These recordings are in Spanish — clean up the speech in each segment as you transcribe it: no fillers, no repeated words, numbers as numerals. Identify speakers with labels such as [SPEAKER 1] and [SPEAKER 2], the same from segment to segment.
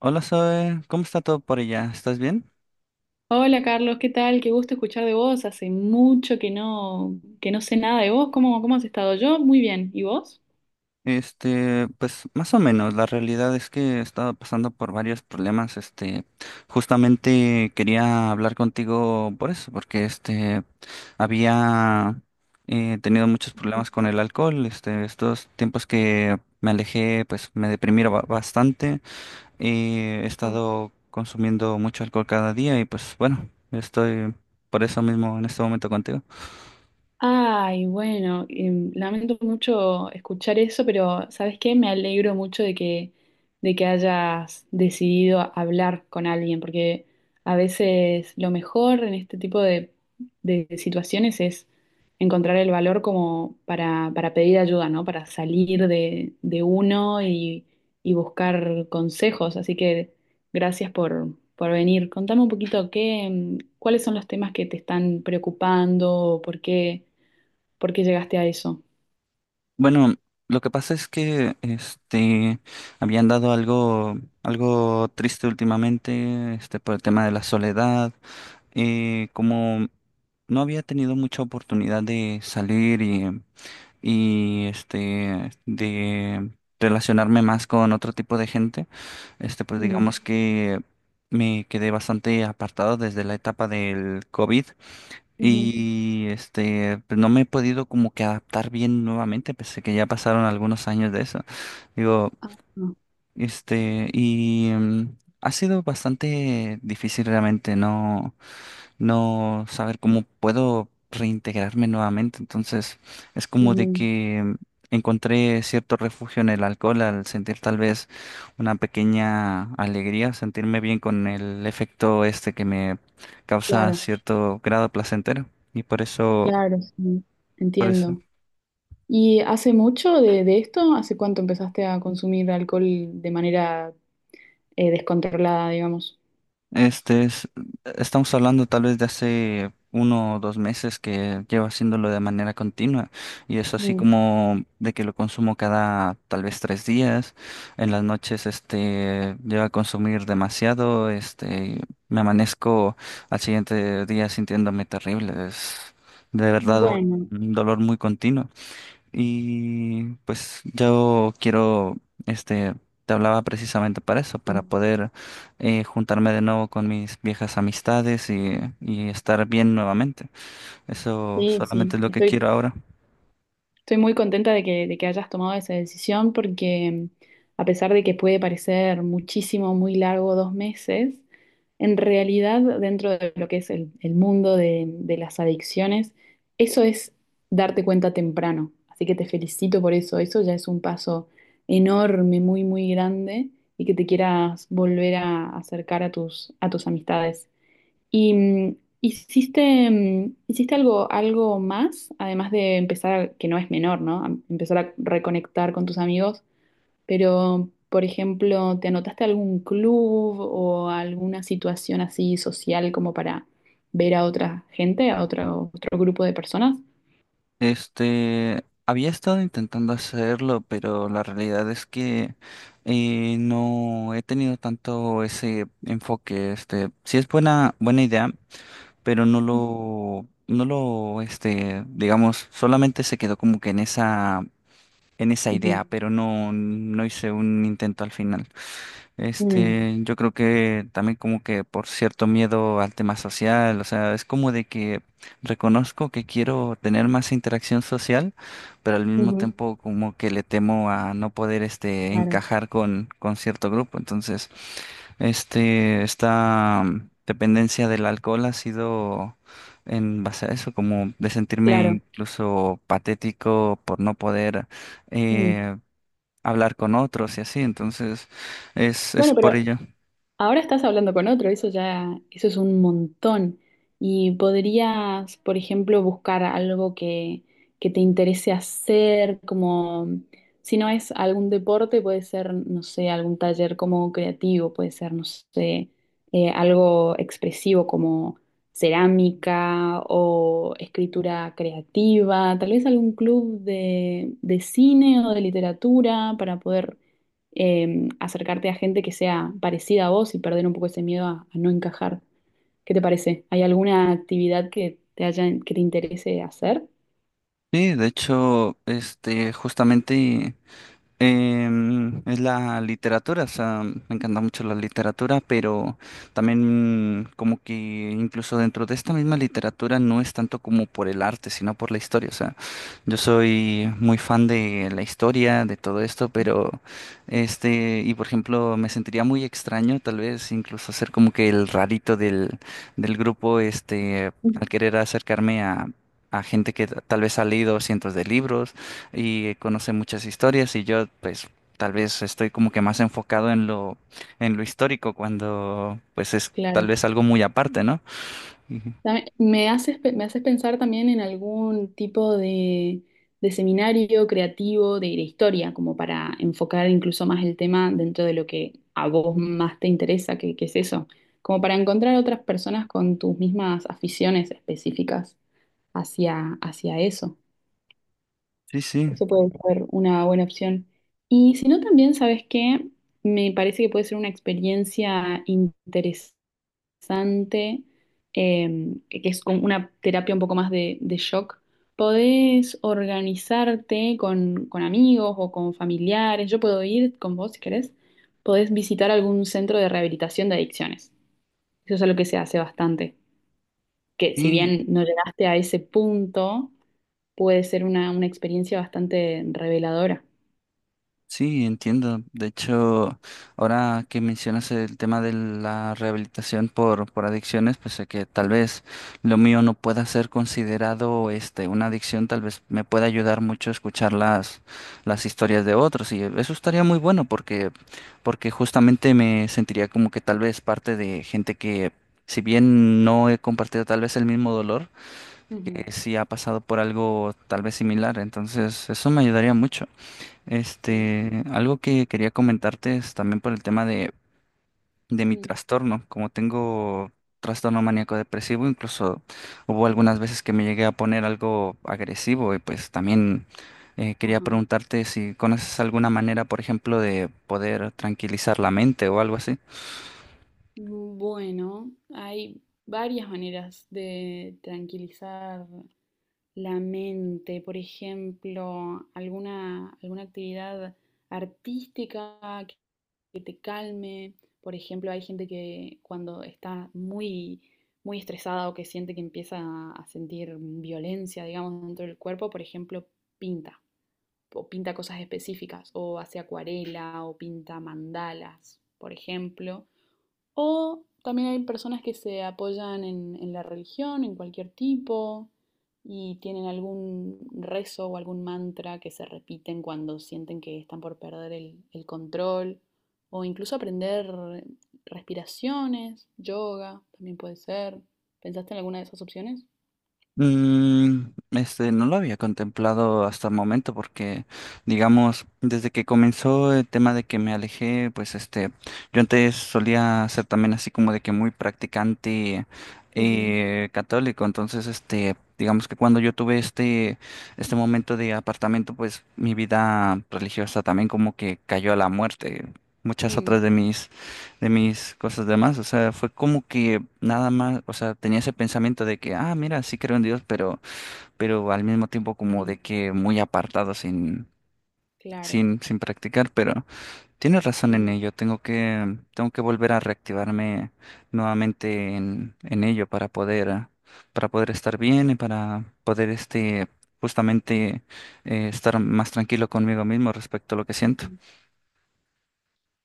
[SPEAKER 1] Hola Zoe, ¿cómo está todo por allá? ¿Estás bien?
[SPEAKER 2] Hola Carlos, ¿qué tal? Qué gusto escuchar de vos. Hace mucho que no sé nada de vos. ¿Cómo has estado? Yo muy bien. ¿Y vos?
[SPEAKER 1] Pues más o menos, la realidad es que he estado pasando por varios problemas. Justamente quería hablar contigo por eso, porque había tenido muchos problemas con el alcohol. Estos tiempos que me alejé, pues me deprimí bastante. He estado consumiendo mucho alcohol cada día y pues bueno, estoy por eso mismo en este momento contigo.
[SPEAKER 2] Ay, bueno, lamento mucho escuchar eso, pero ¿sabes qué? Me alegro mucho de que hayas decidido hablar con alguien, porque a veces lo mejor en este de situaciones es encontrar el valor como para pedir ayuda, ¿no? Para de uno y buscar consejos. Así que por venir. Contame un poquito qué, cuáles son los temas que te están preocupando, por qué. ¿Por qué llegaste a eso?
[SPEAKER 1] Bueno, lo que pasa es que habían dado algo triste últimamente, por el tema de la soledad. Como no había tenido mucha oportunidad de salir y de relacionarme más con otro tipo de gente. Pues
[SPEAKER 2] Mm,
[SPEAKER 1] digamos que me quedé bastante apartado desde la etapa del COVID.
[SPEAKER 2] ujú.
[SPEAKER 1] Y pues, no me he podido como que adaptar bien nuevamente, pese que ya pasaron algunos años de eso. Digo,
[SPEAKER 2] Ah, no.
[SPEAKER 1] este, y mm, ha sido bastante difícil realmente, ¿no? No saber cómo puedo reintegrarme nuevamente. Entonces, es como de
[SPEAKER 2] Ujú.
[SPEAKER 1] que encontré cierto refugio en el alcohol al sentir tal vez una pequeña alegría, sentirme bien con el efecto que me causa
[SPEAKER 2] Claro,
[SPEAKER 1] cierto grado placentero. Y por eso,
[SPEAKER 2] claro, sí.
[SPEAKER 1] por eso.
[SPEAKER 2] Entiendo. ¿Y hace mucho de esto? ¿Hace cuánto empezaste a consumir alcohol de manera descontrolada, digamos?
[SPEAKER 1] Este es, Estamos hablando tal vez de hace uno o dos meses que llevo haciéndolo de manera continua y es así
[SPEAKER 2] Mm.
[SPEAKER 1] como de que lo consumo cada tal vez tres días. En las noches llego a consumir demasiado. Me amanezco al siguiente día sintiéndome terrible. Es de verdad
[SPEAKER 2] Bueno,
[SPEAKER 1] un dolor muy continuo. Y pues yo quiero, este, te hablaba precisamente para eso, para poder juntarme de nuevo con mis viejas amistades y estar bien nuevamente. Eso
[SPEAKER 2] sí, sí.
[SPEAKER 1] solamente es lo que quiero ahora.
[SPEAKER 2] Estoy muy contenta de que hayas tomado esa decisión porque a pesar de que puede parecer muchísimo, muy largo, dos meses. En realidad, dentro de lo que es el mundo de las adicciones, eso es darte cuenta temprano. Así que te felicito por eso. Eso ya es un paso enorme, muy, muy grande, y que te quieras volver a acercar a a tus amistades. ¿Y hiciste algo, algo más, además de empezar, que no es menor, ¿no? A empezar a reconectar con tus amigos? Pero, por ejemplo, ¿te anotaste a algún club o a alguna situación así social como para ver a otra gente, a otro, otro grupo de personas?
[SPEAKER 1] Había estado intentando hacerlo, pero la realidad es que no he tenido tanto ese enfoque. Sí es buena idea, pero no lo, no lo, este, digamos, solamente se quedó como que en en esa
[SPEAKER 2] Ujú.
[SPEAKER 1] idea, pero no hice un intento al final.
[SPEAKER 2] Mm.
[SPEAKER 1] Yo creo que también como que por cierto miedo al tema social, o sea, es como de que reconozco que quiero tener más interacción social, pero al mismo
[SPEAKER 2] Ujú.
[SPEAKER 1] tiempo como que le temo a no poder
[SPEAKER 2] Claro,
[SPEAKER 1] encajar con cierto grupo, entonces dependencia del alcohol ha sido en base a eso, como de sentirme
[SPEAKER 2] claro.
[SPEAKER 1] incluso patético por no poder
[SPEAKER 2] Mm.
[SPEAKER 1] eh, hablar con otros y así. Entonces, es
[SPEAKER 2] Bueno,
[SPEAKER 1] por
[SPEAKER 2] pero
[SPEAKER 1] ello.
[SPEAKER 2] ahora estás hablando con otro, eso ya, eso es un montón. Y podrías, por ejemplo, buscar algo que te interese hacer, como si no es algún deporte, puede ser, no sé, algún taller como creativo, puede ser, no sé, algo expresivo como cerámica o escritura creativa, tal vez algún club de cine o de literatura para poder acercarte a gente que sea parecida a vos y perder un poco ese miedo a no encajar. ¿Qué te parece? ¿Hay alguna actividad que te haya, que te interese hacer?
[SPEAKER 1] Sí, de hecho, justamente. Es la literatura, o sea, me encanta mucho la literatura, pero también como que incluso dentro de esta misma literatura no es tanto como por el arte, sino por la historia. O sea, yo soy muy fan de la historia, de todo esto, pero y por ejemplo, me sentiría muy extraño tal vez incluso ser como que el rarito del grupo,
[SPEAKER 2] Mm.
[SPEAKER 1] al querer acercarme a... A gente que tal vez ha leído cientos de libros y conoce muchas historias y yo pues tal vez estoy como que más enfocado en lo histórico cuando pues es tal
[SPEAKER 2] Claro.
[SPEAKER 1] vez algo muy aparte, ¿no? Ujú.
[SPEAKER 2] Me haces, me haces pensar también en algún de seminario creativo de historia, como para enfocar incluso más el tema dentro de lo que a vos más te interesa, que es eso, como para encontrar otras personas con tus mismas aficiones específicas hacia, hacia eso.
[SPEAKER 1] Sí, sí.
[SPEAKER 2] Eso puede ser una buena opción. Y si no, también, ¿sabes qué? Me parece que puede ser una experiencia interesante, eh, que es como una terapia un poco más de shock. Podés organizarte con amigos o con familiares. Yo puedo ir con vos si querés. Podés visitar algún centro de rehabilitación de adicciones. Eso es algo que se hace bastante. Que si
[SPEAKER 1] Y
[SPEAKER 2] bien no llegaste a ese punto, puede ser una experiencia bastante reveladora.
[SPEAKER 1] sí, entiendo. De hecho, ahora que mencionas el tema de la rehabilitación por adicciones, pues sé que tal vez lo mío no pueda ser considerado una adicción, tal vez me pueda ayudar mucho escuchar las historias de otros. Y eso estaría muy bueno porque justamente me sentiría como que tal vez parte de gente que, si bien no he compartido tal vez el mismo dolor,
[SPEAKER 2] Ujú.
[SPEAKER 1] que sí ha pasado por algo tal vez similar. Entonces, eso me ayudaría mucho.
[SPEAKER 2] Sí.
[SPEAKER 1] Algo que quería comentarte es también por el tema de mi
[SPEAKER 2] Mm.
[SPEAKER 1] trastorno. Como tengo trastorno maníaco depresivo, incluso hubo
[SPEAKER 2] Mm.
[SPEAKER 1] algunas veces que me llegué a poner algo agresivo y pues también quería
[SPEAKER 2] Ajá.
[SPEAKER 1] preguntarte si conoces alguna manera, por ejemplo, de poder tranquilizar la mente o algo así.
[SPEAKER 2] Bueno, hay varias maneras de tranquilizar la mente. Por ejemplo, alguna, alguna actividad artística que, que te calme. Por ejemplo, hay gente que cuando está muy, muy estresada o que siente que empieza a sentir violencia, digamos, dentro del cuerpo, por ejemplo, pinta, o pinta cosas específicas, o hace acuarela, o pinta mandalas, por ejemplo. O también hay personas que se apoyan en la religión, en cualquier tipo, y tienen algún rezo o algún mantra que se repiten cuando sienten que están por perder el control, o incluso aprender respiraciones, yoga, también puede ser. ¿Pensaste en alguna de esas opciones?
[SPEAKER 1] No lo había contemplado hasta el momento porque, digamos, desde que comenzó el tema de que me alejé, pues yo antes solía ser también así como de que muy practicante
[SPEAKER 2] Ujú.
[SPEAKER 1] católico, entonces digamos que cuando yo tuve este momento de apartamento, pues mi vida religiosa también como que cayó a la muerte. Muchas otras
[SPEAKER 2] Mm,
[SPEAKER 1] de mis cosas demás. O sea, fue como que nada más, o sea, tenía ese pensamiento de que, ah, mira, sí creo en Dios, pero al mismo tiempo como de
[SPEAKER 2] sí,
[SPEAKER 1] que muy apartado
[SPEAKER 2] claro.
[SPEAKER 1] sin practicar. Pero tienes razón en ello, tengo que volver a reactivarme nuevamente en ello para poder, ah, para poder estar bien y para poder justamente estar más tranquilo conmigo mismo respecto a lo que siento.
[SPEAKER 2] Ujú.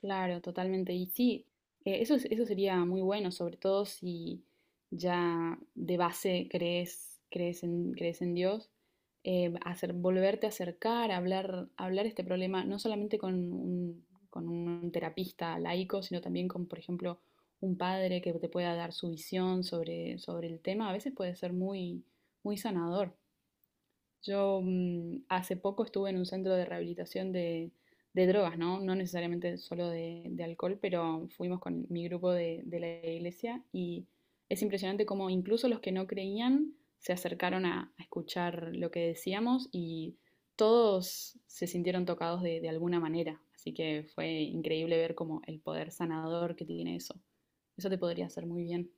[SPEAKER 2] Claro, totalmente. Y sí, eso sería muy bueno, sobre todo si ya de base crees, crees en, crees en Dios, hacer, volverte a acercar, hablar, hablar este problema, no solamente con un terapista laico, sino también con, por ejemplo, un padre que te pueda dar su visión sobre, sobre el tema, a veces puede ser muy, muy sanador. Yo hace poco estuve en un centro de rehabilitación de drogas, ¿no? No necesariamente solo de alcohol, pero fuimos con mi grupo de la iglesia y es impresionante cómo incluso los que no creían se acercaron a escuchar lo que decíamos y todos se sintieron tocados de alguna manera. Así que fue increíble ver como el poder sanador que tiene eso. Eso te podría hacer muy bien.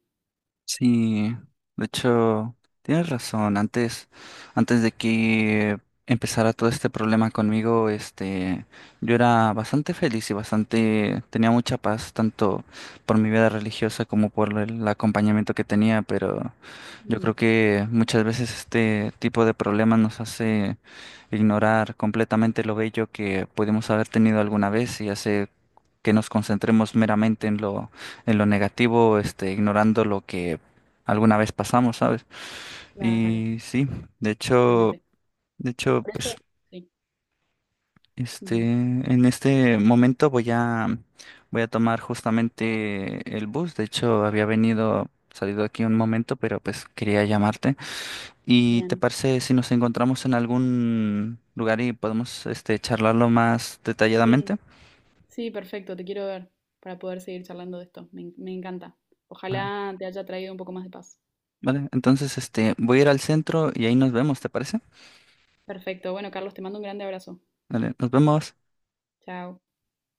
[SPEAKER 1] Sí, de hecho, tienes razón. Antes de que empezara todo este problema conmigo, yo era bastante feliz y bastante, tenía mucha paz, tanto por mi vida religiosa como por el acompañamiento que tenía, pero yo creo
[SPEAKER 2] Ujú.
[SPEAKER 1] que muchas veces este tipo de problemas nos hace ignorar completamente lo bello que pudimos haber tenido alguna vez y hace que nos concentremos meramente en en lo negativo, ignorando lo que alguna vez pasamos, ¿sabes?
[SPEAKER 2] Claro,
[SPEAKER 1] Y sí, de hecho,
[SPEAKER 2] totalmente.
[SPEAKER 1] de hecho,
[SPEAKER 2] Por eso, sí. Ujú.
[SPEAKER 1] en este momento voy a tomar justamente el bus. De hecho, había venido, salido aquí un momento, pero pues quería llamarte. ¿Y te
[SPEAKER 2] Bien.
[SPEAKER 1] parece si nos encontramos en algún lugar y podemos charlarlo más
[SPEAKER 2] Sí,
[SPEAKER 1] detalladamente?
[SPEAKER 2] sí, perfecto, te quiero ver para poder seguir charlando de esto. Me, me encanta.
[SPEAKER 1] Ah,
[SPEAKER 2] Ojalá te haya traído un poco más de paz.
[SPEAKER 1] vale, entonces voy a ir al centro y ahí nos vemos, ¿te parece?
[SPEAKER 2] Perfecto, bueno, Carlos, te mando un grande abrazo.
[SPEAKER 1] Vale, nos vemos.
[SPEAKER 2] Chao.